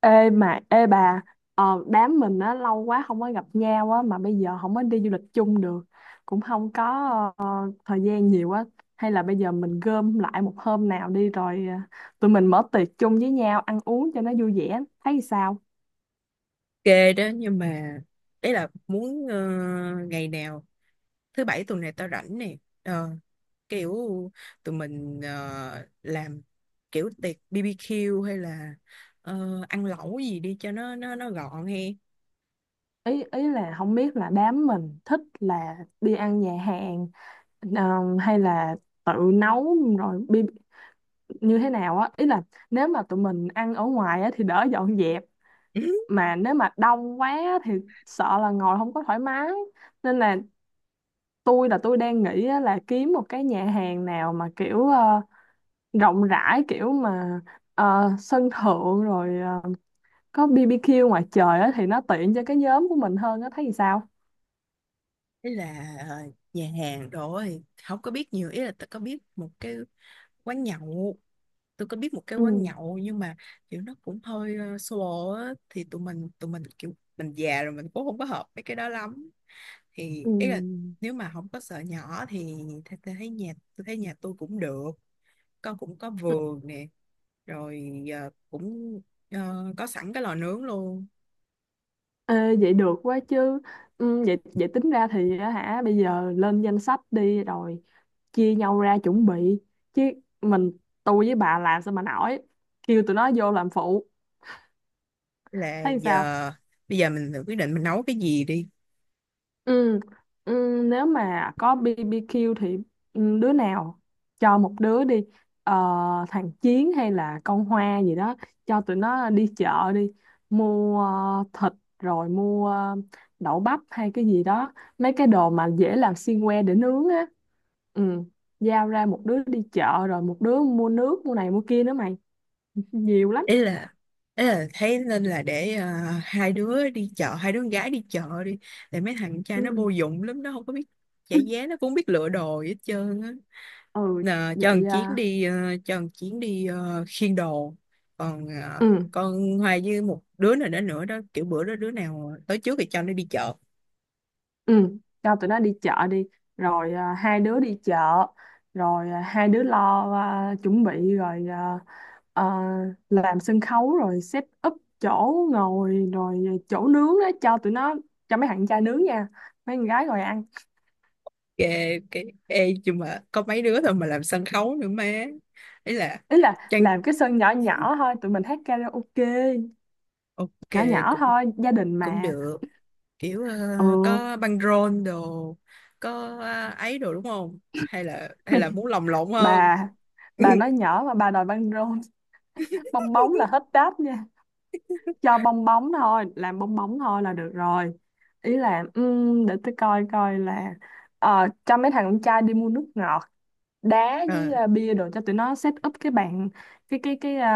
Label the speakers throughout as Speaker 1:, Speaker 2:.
Speaker 1: Ê mà ê bà, đám mình á lâu quá không có gặp nhau á mà bây giờ không có đi du lịch chung được, cũng không có ờ, thời gian nhiều á. Hay là bây giờ mình gom lại một hôm nào đi rồi, tụi mình mở tiệc chung với nhau ăn uống cho nó vui vẻ, thấy sao?
Speaker 2: Ghê đó nhưng mà đấy là muốn ngày nào thứ bảy tuần này tao rảnh nè. Ờ, kiểu tụi mình làm kiểu tiệc BBQ hay là ăn lẩu gì đi cho nó gọn he.
Speaker 1: Ý ý là không biết là đám mình thích là đi ăn nhà hàng, ờ, hay là tự nấu rồi như thế nào á. Ý là nếu mà tụi mình ăn ở ngoài á thì đỡ dọn dẹp, mà nếu mà đông quá thì sợ là ngồi không có thoải mái. Nên là tôi đang nghĩ á là kiếm một cái nhà hàng nào mà kiểu rộng rãi, kiểu mà sân thượng rồi có BBQ ngoài trời á thì nó tiện cho cái nhóm của mình hơn á, thấy thì sao?
Speaker 2: Ừ. Ý là nhà hàng rồi không có biết nhiều. Ý là tôi có biết một cái quán nhậu, tôi có biết một cái
Speaker 1: Ừ.
Speaker 2: quán nhậu nhưng mà kiểu nó cũng hơi solo á. Thì tụi mình kiểu mình già rồi mình cũng không có hợp mấy cái đó lắm. Thì ý là
Speaker 1: Ừ.
Speaker 2: nếu mà không có sợ nhỏ thì tôi thấy nhà tôi cũng được, con cũng có vườn nè, rồi giờ cũng có sẵn cái lò nướng luôn.
Speaker 1: Ê, vậy được quá chứ. Ừ, vậy vậy tính ra thì á hả, bây giờ lên danh sách đi rồi chia nhau ra chuẩn bị, chứ mình tôi với bà làm sao mà nổi, kêu tụi nó vô làm phụ,
Speaker 2: là
Speaker 1: thấy sao?
Speaker 2: giờ bây giờ mình tự quyết định mình nấu cái gì đi.
Speaker 1: Ừ, ừ, nếu mà có BBQ thì ừ, đứa nào, cho một đứa đi, ờ, thằng Chiến hay là con Hoa gì đó, cho tụi nó đi chợ đi, mua thịt, rồi mua đậu bắp hay cái gì đó, mấy cái đồ mà dễ làm xiên que để nướng á. Ừ, giao ra một đứa đi chợ rồi một đứa mua nước mua này mua kia nữa mày, nhiều lắm.
Speaker 2: Ý là ý là thấy nên là để hai đứa con gái đi chợ đi, để mấy thằng con trai nó
Speaker 1: Ừ,
Speaker 2: vô dụng lắm, nó không có biết trả giá, nó cũng không biết lựa đồ gì hết trơn á.
Speaker 1: ừ,
Speaker 2: Nà,
Speaker 1: vậy à,
Speaker 2: cho thằng Chiến đi khiêng đồ, còn
Speaker 1: ừ.
Speaker 2: con Hoài với một đứa nào đó nữa đó, kiểu bữa đó đứa nào tới trước thì cho nó đi chợ.
Speaker 1: Ừ, cho tụi nó đi chợ đi, rồi à, hai đứa đi chợ, rồi à, hai đứa lo à, chuẩn bị rồi à, ờ, làm sân khấu rồi set up chỗ ngồi rồi chỗ nướng đó cho tụi nó, cho mấy thằng trai nướng nha, mấy con gái ngồi ăn.
Speaker 2: Ê nhưng mà có mấy đứa thôi mà làm sân khấu nữa má? Ấy là
Speaker 1: Ý là
Speaker 2: chăng.
Speaker 1: làm cái sân nhỏ nhỏ thôi, tụi mình hát karaoke,
Speaker 2: Ok,
Speaker 1: nhỏ nhỏ
Speaker 2: cũng
Speaker 1: thôi, gia đình
Speaker 2: cũng
Speaker 1: mà.
Speaker 2: được, kiểu
Speaker 1: Ừ,
Speaker 2: có băng rôn đồ, có ấy đồ đúng không, hay là hay là
Speaker 1: mày,
Speaker 2: muốn lồng lộn hơn?
Speaker 1: bà bà nói nhỏ mà bà đòi băng rôn, bong bóng là hết đáp. Cho bong bóng thôi, là được rồi. Ý là để tôi coi coi là, ờ, cho mấy thằng con trai đi mua nước ngọt, đá với
Speaker 2: Ờ,
Speaker 1: bia đồ, cho tụi nó set up cái bàn, cái ờ,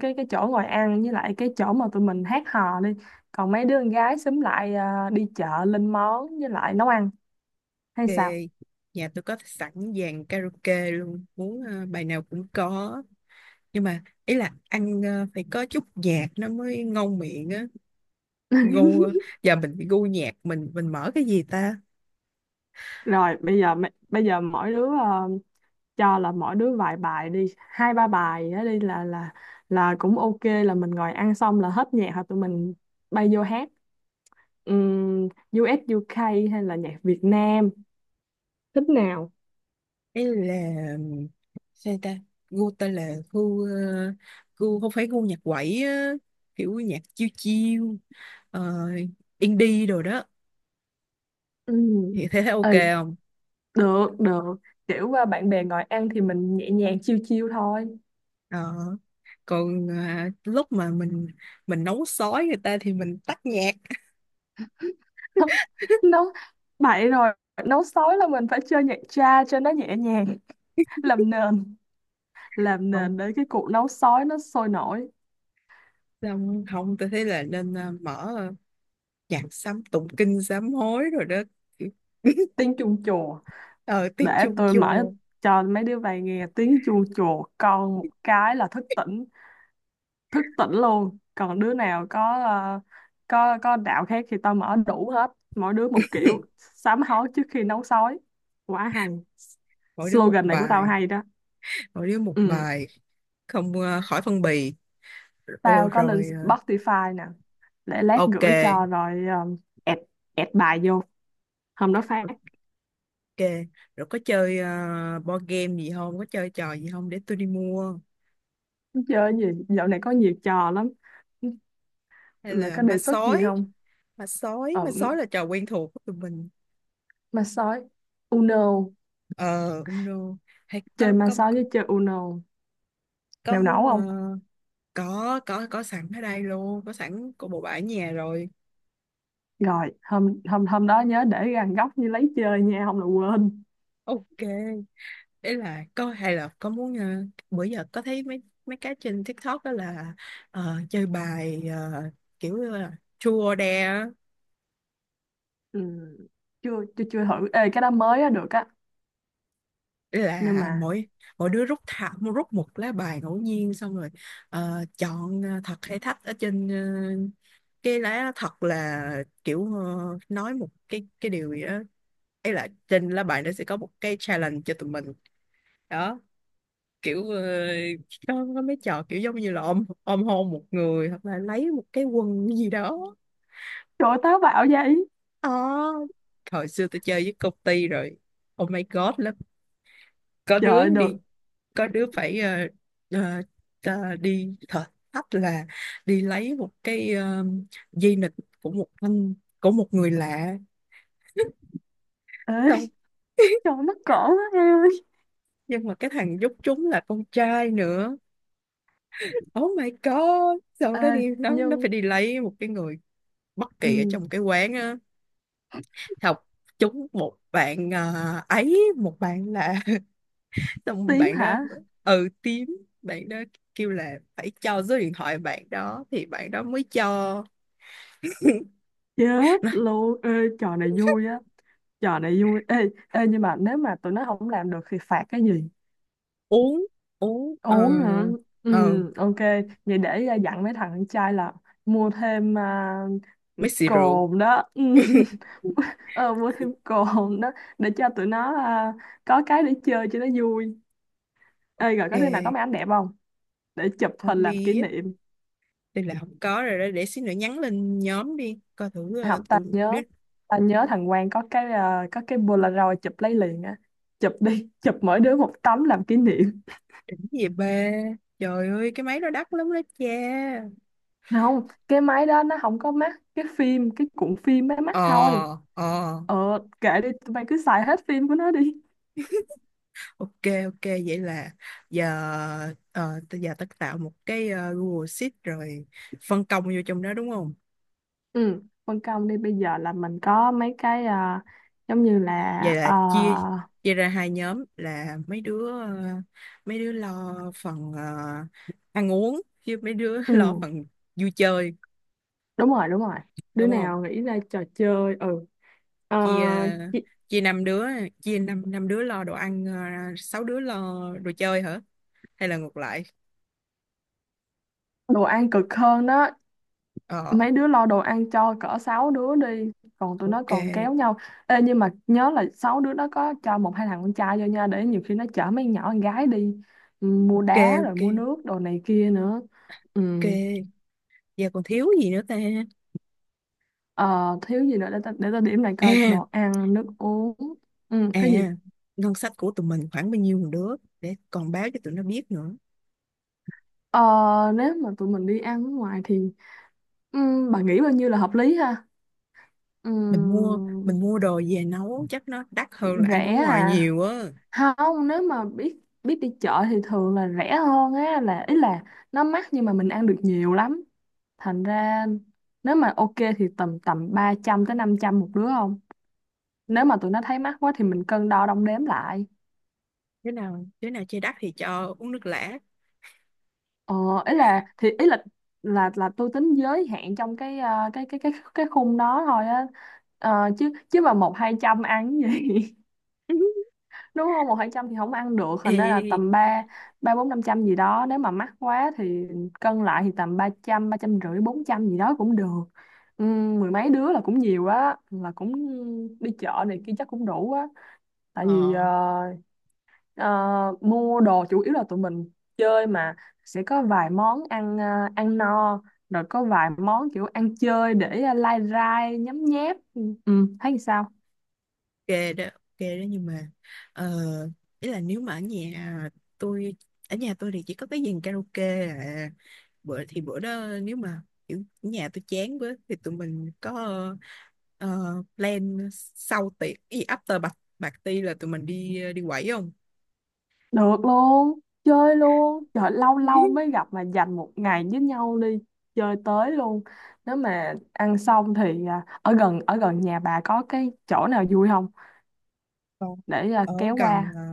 Speaker 1: cái chỗ ngồi ăn với lại cái chỗ mà tụi mình hát hò đi. Còn mấy đứa con gái xúm lại đi chợ lên món với lại nấu ăn, hay
Speaker 2: Ok,
Speaker 1: sao?
Speaker 2: nhà tôi có sẵn dàn karaoke luôn, muốn bài nào cũng có. Nhưng mà ý là ăn phải có chút nhạc nó mới ngon miệng á. Gu giờ mình bị gu nhạc, mình mở cái gì ta?
Speaker 1: Rồi bây giờ bây giờ mỗi đứa cho là mỗi đứa vài bài đi, hai ba bài á đi là cũng ok, là mình ngồi ăn xong là hết nhạc, hoặc tụi mình bay vô hát um, US UK hay là nhạc Việt Nam, thích nào?
Speaker 2: Ý là sao ta? Gu ta là gu không phải gu nhạc quẩy á, kiểu nhạc chiêu chiêu, ờ, indie đồ đó.
Speaker 1: Ừm,
Speaker 2: Thì thế thấy ok
Speaker 1: Ừ,
Speaker 2: không?
Speaker 1: được được, kiểu à, bạn bè ngồi ăn thì mình nhẹ nhàng chiêu chiêu thôi.
Speaker 2: Ờ, còn à, lúc mà mình nấu sói người ta thì mình tắt nhạc.
Speaker 1: Nấu bậy rồi, nấu sói là mình phải chơi nhạc cha cho nó nhẹ nhàng, làm nền,
Speaker 2: Không,
Speaker 1: để cái cuộc nấu sói nó sôi nổi.
Speaker 2: xong không tôi thấy là nên mở nhạc sám, tụng kinh sám hối rồi đó. Kiểu-
Speaker 1: Tiếng chuông chùa,
Speaker 2: ờ tiếng
Speaker 1: để
Speaker 2: chuông
Speaker 1: tôi mở
Speaker 2: chùa,
Speaker 1: cho mấy đứa bay nghe tiếng chuông chùa con một cái là thức tỉnh, thức tỉnh luôn. Còn đứa nào có có đạo khác thì tao mở đủ hết, mỗi đứa một kiểu sám hối trước khi nấu sói, quá hay.
Speaker 2: mỗi đứa một
Speaker 1: Slogan này của tao
Speaker 2: bài,
Speaker 1: hay đó.
Speaker 2: mỗi đứa một
Speaker 1: Ừ,
Speaker 2: bài, không khỏi phân bì. Ô,
Speaker 1: tao có lên
Speaker 2: rồi
Speaker 1: Spotify nè, để lát
Speaker 2: ok,
Speaker 1: gửi cho rồi add, bài vô hôm đó phát.
Speaker 2: ok. Rồi có chơi board game gì không, có chơi trò gì không để tôi đi mua?
Speaker 1: Chơi cái gì, dạo này có nhiều trò lắm,
Speaker 2: Hay
Speaker 1: mày
Speaker 2: là
Speaker 1: có
Speaker 2: ma
Speaker 1: đề xuất gì
Speaker 2: sói
Speaker 1: không?
Speaker 2: ma sói
Speaker 1: Ờ,
Speaker 2: ma sói là trò quen thuộc của tụi mình.
Speaker 1: ma sói, Uno,
Speaker 2: Ờ không đâu, hay
Speaker 1: chơi
Speaker 2: có
Speaker 1: ma
Speaker 2: có
Speaker 1: sói
Speaker 2: có,
Speaker 1: với chơi Uno,
Speaker 2: có
Speaker 1: mèo nấu
Speaker 2: muốn
Speaker 1: không?
Speaker 2: có sẵn ở đây luôn, có sẵn của bộ bãi nhà rồi.
Speaker 1: Rồi hôm hôm hôm đó nhớ để gần góc như lấy chơi nha, không là quên.
Speaker 2: Ok. Ý là có, hay là có muốn bữa giờ có thấy mấy mấy cái trên TikTok đó là chơi bài kiểu như là chua or dare á.
Speaker 1: Ừ. chưa chưa chưa thử, ê cái đó mới á, được á.
Speaker 2: Ý
Speaker 1: Nhưng
Speaker 2: là
Speaker 1: mà
Speaker 2: mỗi mỗi đứa rút, thả rút một lá bài ngẫu nhiên, xong rồi chọn thật hay thách ở trên cái lá. Thật là kiểu nói một cái điều gì đó, ấy là trên lá bài nó sẽ có một cái challenge cho tụi mình đó, kiểu có, mấy trò kiểu giống như là ôm ôm hôn một người hoặc là lấy một cái quần gì đó.
Speaker 1: trời ơi, táo bạo vậy.
Speaker 2: Ờ, hồi xưa tôi chơi với công ty rồi oh my god lắm, có
Speaker 1: Trời
Speaker 2: đứa
Speaker 1: ơi,
Speaker 2: đi,
Speaker 1: được.
Speaker 2: có đứa phải ờ, đi thử, thách là đi lấy một cái dây nịt của một anh của một người lạ,
Speaker 1: Ê,
Speaker 2: xong.
Speaker 1: trời ơi, mắc cỡ quá em ơi.
Speaker 2: Nhưng mà cái thằng giúp chúng là con trai nữa, oh my god. Sau đó
Speaker 1: Ê
Speaker 2: đi, nó
Speaker 1: nhưng
Speaker 2: phải đi lấy một cái người bất kỳ ở
Speaker 1: ừ,
Speaker 2: trong cái quán á, học chúng một bạn, ờ, ấy một bạn là xong
Speaker 1: tím
Speaker 2: bạn đó.
Speaker 1: hả?
Speaker 2: Ừ, tím. Bạn đó kêu là phải cho số điện thoại bạn đó thì bạn đó mới cho.
Speaker 1: Chết
Speaker 2: Nói,
Speaker 1: luôn ê. Trò này vui á, trò này vui ê. Ê nhưng mà nếu mà tụi nó không làm được thì phạt cái gì?
Speaker 2: uống uống ờ
Speaker 1: Uống hả?
Speaker 2: ờ
Speaker 1: Ừ, ok. Vậy để à, dặn mấy thằng con trai là mua thêm à,
Speaker 2: mấy xì rượu.
Speaker 1: cồn đó. Ừ. Ờ, mua thêm cồn đó để cho tụi nó à, có cái để chơi cho nó vui. Ê rồi, có đứa nào có máy
Speaker 2: Ok,
Speaker 1: ảnh đẹp không, để chụp
Speaker 2: không
Speaker 1: hình làm kỷ
Speaker 2: biết.
Speaker 1: niệm?
Speaker 2: Đây là không có rồi đó, để xíu nữa nhắn lên nhóm đi coi thử
Speaker 1: Không, ta
Speaker 2: tụi
Speaker 1: nhớ
Speaker 2: đỉnh.
Speaker 1: ta nhớ thằng Quang có cái à, có cái Polaroid chụp lấy liền á, chụp đi, chụp mỗi đứa một tấm làm kỷ niệm.
Speaker 2: Đỉnh gì ba, trời ơi cái máy đó đắt lắm đó cha.
Speaker 1: Không, cái máy đó nó không có mắt cái phim, cái cuộn phim máy mắt thôi.
Speaker 2: ờ ờ
Speaker 1: Ờ, kệ đi, tụi bay cứ xài hết phim của nó đi.
Speaker 2: Ok, ok. Vậy là giờ, tới giờ tất tạo một cái Google Sheet rồi phân công vô trong đó đúng không?
Speaker 1: Ừ. Phân công đi, bây giờ là mình có mấy cái à, giống như là...
Speaker 2: Vậy là
Speaker 1: À,
Speaker 2: chia chia ra hai nhóm, là mấy đứa lo phần ăn uống, chứ mấy đứa
Speaker 1: ừ,
Speaker 2: lo phần vui chơi
Speaker 1: đúng rồi, đúng rồi. Đứa
Speaker 2: đúng không?
Speaker 1: nào nghĩ ra trò chơi, ừ. Ờ,
Speaker 2: Chia
Speaker 1: chị-
Speaker 2: chia năm đứa, chia năm năm đứa lo đồ ăn, sáu đứa lo đồ chơi hả? Hay là ngược lại?
Speaker 1: đồ ăn cực hơn đó.
Speaker 2: Ờ.
Speaker 1: Mấy đứa lo đồ ăn cho cỡ 6 đứa đi. Còn tụi nó
Speaker 2: Ok,
Speaker 1: còn kéo nhau. Ê, nhưng mà nhớ là 6 đứa nó có cho một hai thằng con trai vô nha, để nhiều khi nó chở mấy con nhỏ con gái đi. Ừ, mua
Speaker 2: ok,
Speaker 1: đá rồi
Speaker 2: ok,
Speaker 1: mua nước, đồ này kia nữa. Ừ.
Speaker 2: ok. Giờ còn thiếu gì nữa ta?
Speaker 1: Ờ, thiếu gì nữa để ta điểm lại coi,
Speaker 2: À.
Speaker 1: đồ ăn nước uống ừ, cái gì.
Speaker 2: À, ngân sách của tụi mình khoảng bao nhiêu một đứa, để còn báo cho tụi nó biết nữa.
Speaker 1: Ờ, nếu mà tụi mình đi ăn ở ngoài thì bà nghĩ bao nhiêu là hợp lý ha?
Speaker 2: Mình mua
Speaker 1: Ừm,
Speaker 2: mình mua đồ về nấu chắc nó đắt hơn là ăn ở
Speaker 1: rẻ
Speaker 2: ngoài
Speaker 1: à?
Speaker 2: nhiều á.
Speaker 1: Không, nếu mà biết biết đi chợ thì thường là rẻ hơn á, là ý là nó mắc nhưng mà mình ăn được nhiều lắm. Thành ra nếu mà ok thì tầm tầm 300 tới 500 một đứa, không nếu mà tụi nó thấy mắc quá thì mình cân đo đong đếm lại.
Speaker 2: Đứa nào chơi đắt thì cho uống nước lã.
Speaker 1: Ờ, ý là tôi tính giới hạn trong cái cái khung đó thôi á. Ờ, chứ chứ mà một hai trăm ăn cái gì, đúng không, một hai trăm thì không ăn được, thành ra là
Speaker 2: Ê,
Speaker 1: tầm ba ba bốn năm trăm gì đó, nếu mà mắc quá thì cân lại thì tầm ba trăm, ba trăm rưỡi, bốn trăm gì đó cũng được. Ừ, mười mấy đứa là cũng nhiều á, là cũng đi chợ này kia chắc cũng đủ á, tại vì
Speaker 2: ờ
Speaker 1: Ờ, mua đồ chủ yếu là tụi mình chơi mà, sẽ có vài món ăn ăn no, rồi có vài món kiểu ăn chơi để lai rai nhấm nháp, ừ, ừ, thấy sao?
Speaker 2: ok đó, ok đó, nhưng mà ờ, ý là nếu mà tôi ở nhà tôi thì chỉ có cái dàn karaoke à. Bữa đó nếu mà kiểu nhà tôi chán với thì tụi mình có ờ, plan sau tiệc, cái gì after party, là tụi mình đi đi quẩy không?
Speaker 1: Được luôn, chơi luôn, trời lâu lâu mới gặp mà, dành một ngày với nhau đi, chơi tới luôn. Nếu mà ăn xong thì ở gần nhà bà có cái chỗ nào vui không,
Speaker 2: Còn
Speaker 1: để
Speaker 2: ở
Speaker 1: kéo
Speaker 2: gần
Speaker 1: qua?
Speaker 2: à,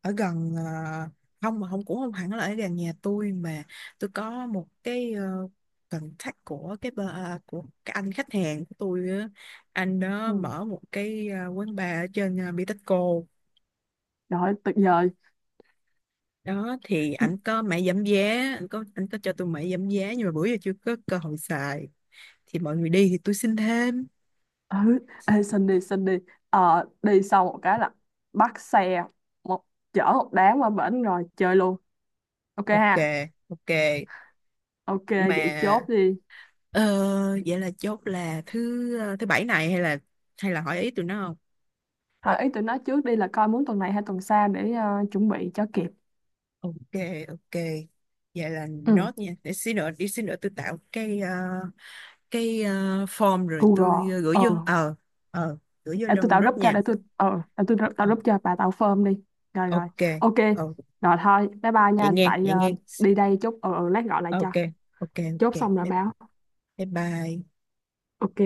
Speaker 2: ở gần à, không, mà không cũng không hẳn là ở gần nhà tôi mà. Tôi có một cái, uh, contact của cái của cái anh khách hàng của tôi á. Anh đó
Speaker 1: Ừ.
Speaker 2: mở một cái à, quán bar ở trên Bitexco
Speaker 1: Rồi, tuyệt vời.
Speaker 2: đó, thì anh có mẹ giảm giá, anh có cho tôi mẹ giảm giá nhưng mà bữa giờ chưa có cơ hội xài, thì mọi người đi thì tôi xin thêm.
Speaker 1: Ừ, ê xin đi, xin đi. Ờ, đi sau một cái là bắt xe, một chở một đám qua bển rồi chơi luôn, ok
Speaker 2: Ok,
Speaker 1: ha?
Speaker 2: ok
Speaker 1: Ok,
Speaker 2: mà.
Speaker 1: vậy chốt đi.
Speaker 2: Ờ, vậy là chốt là thứ thứ bảy này, hay là hỏi ý tụi nó không?
Speaker 1: Hỏi ý tụi nó trước đi, là coi muốn tuần này hay tuần sau để chuẩn bị cho kịp.
Speaker 2: Ok, ok. Vậy là
Speaker 1: Ừ,
Speaker 2: nốt nha. Đi xí nữa tôi tạo cái form rồi tôi
Speaker 1: Google
Speaker 2: gửi vô. Ờ, ờ, gửi vô
Speaker 1: để tôi
Speaker 2: trong
Speaker 1: tạo
Speaker 2: group
Speaker 1: group cho,
Speaker 2: nha.
Speaker 1: để tôi tạo
Speaker 2: Ờ,
Speaker 1: group cho bà, tạo form đi. Rồi rồi,
Speaker 2: ok.
Speaker 1: ok.
Speaker 2: Ờ,
Speaker 1: Rồi thôi bye bye
Speaker 2: vậy
Speaker 1: nha,
Speaker 2: nghe,
Speaker 1: tại
Speaker 2: vậy nghe.
Speaker 1: đi đây chút ừ, lát gọi lại
Speaker 2: Ờ,
Speaker 1: cho,
Speaker 2: ok, ok, ok.
Speaker 1: chốt
Speaker 2: Bye
Speaker 1: xong rồi báo,
Speaker 2: bye. Bye.
Speaker 1: ok.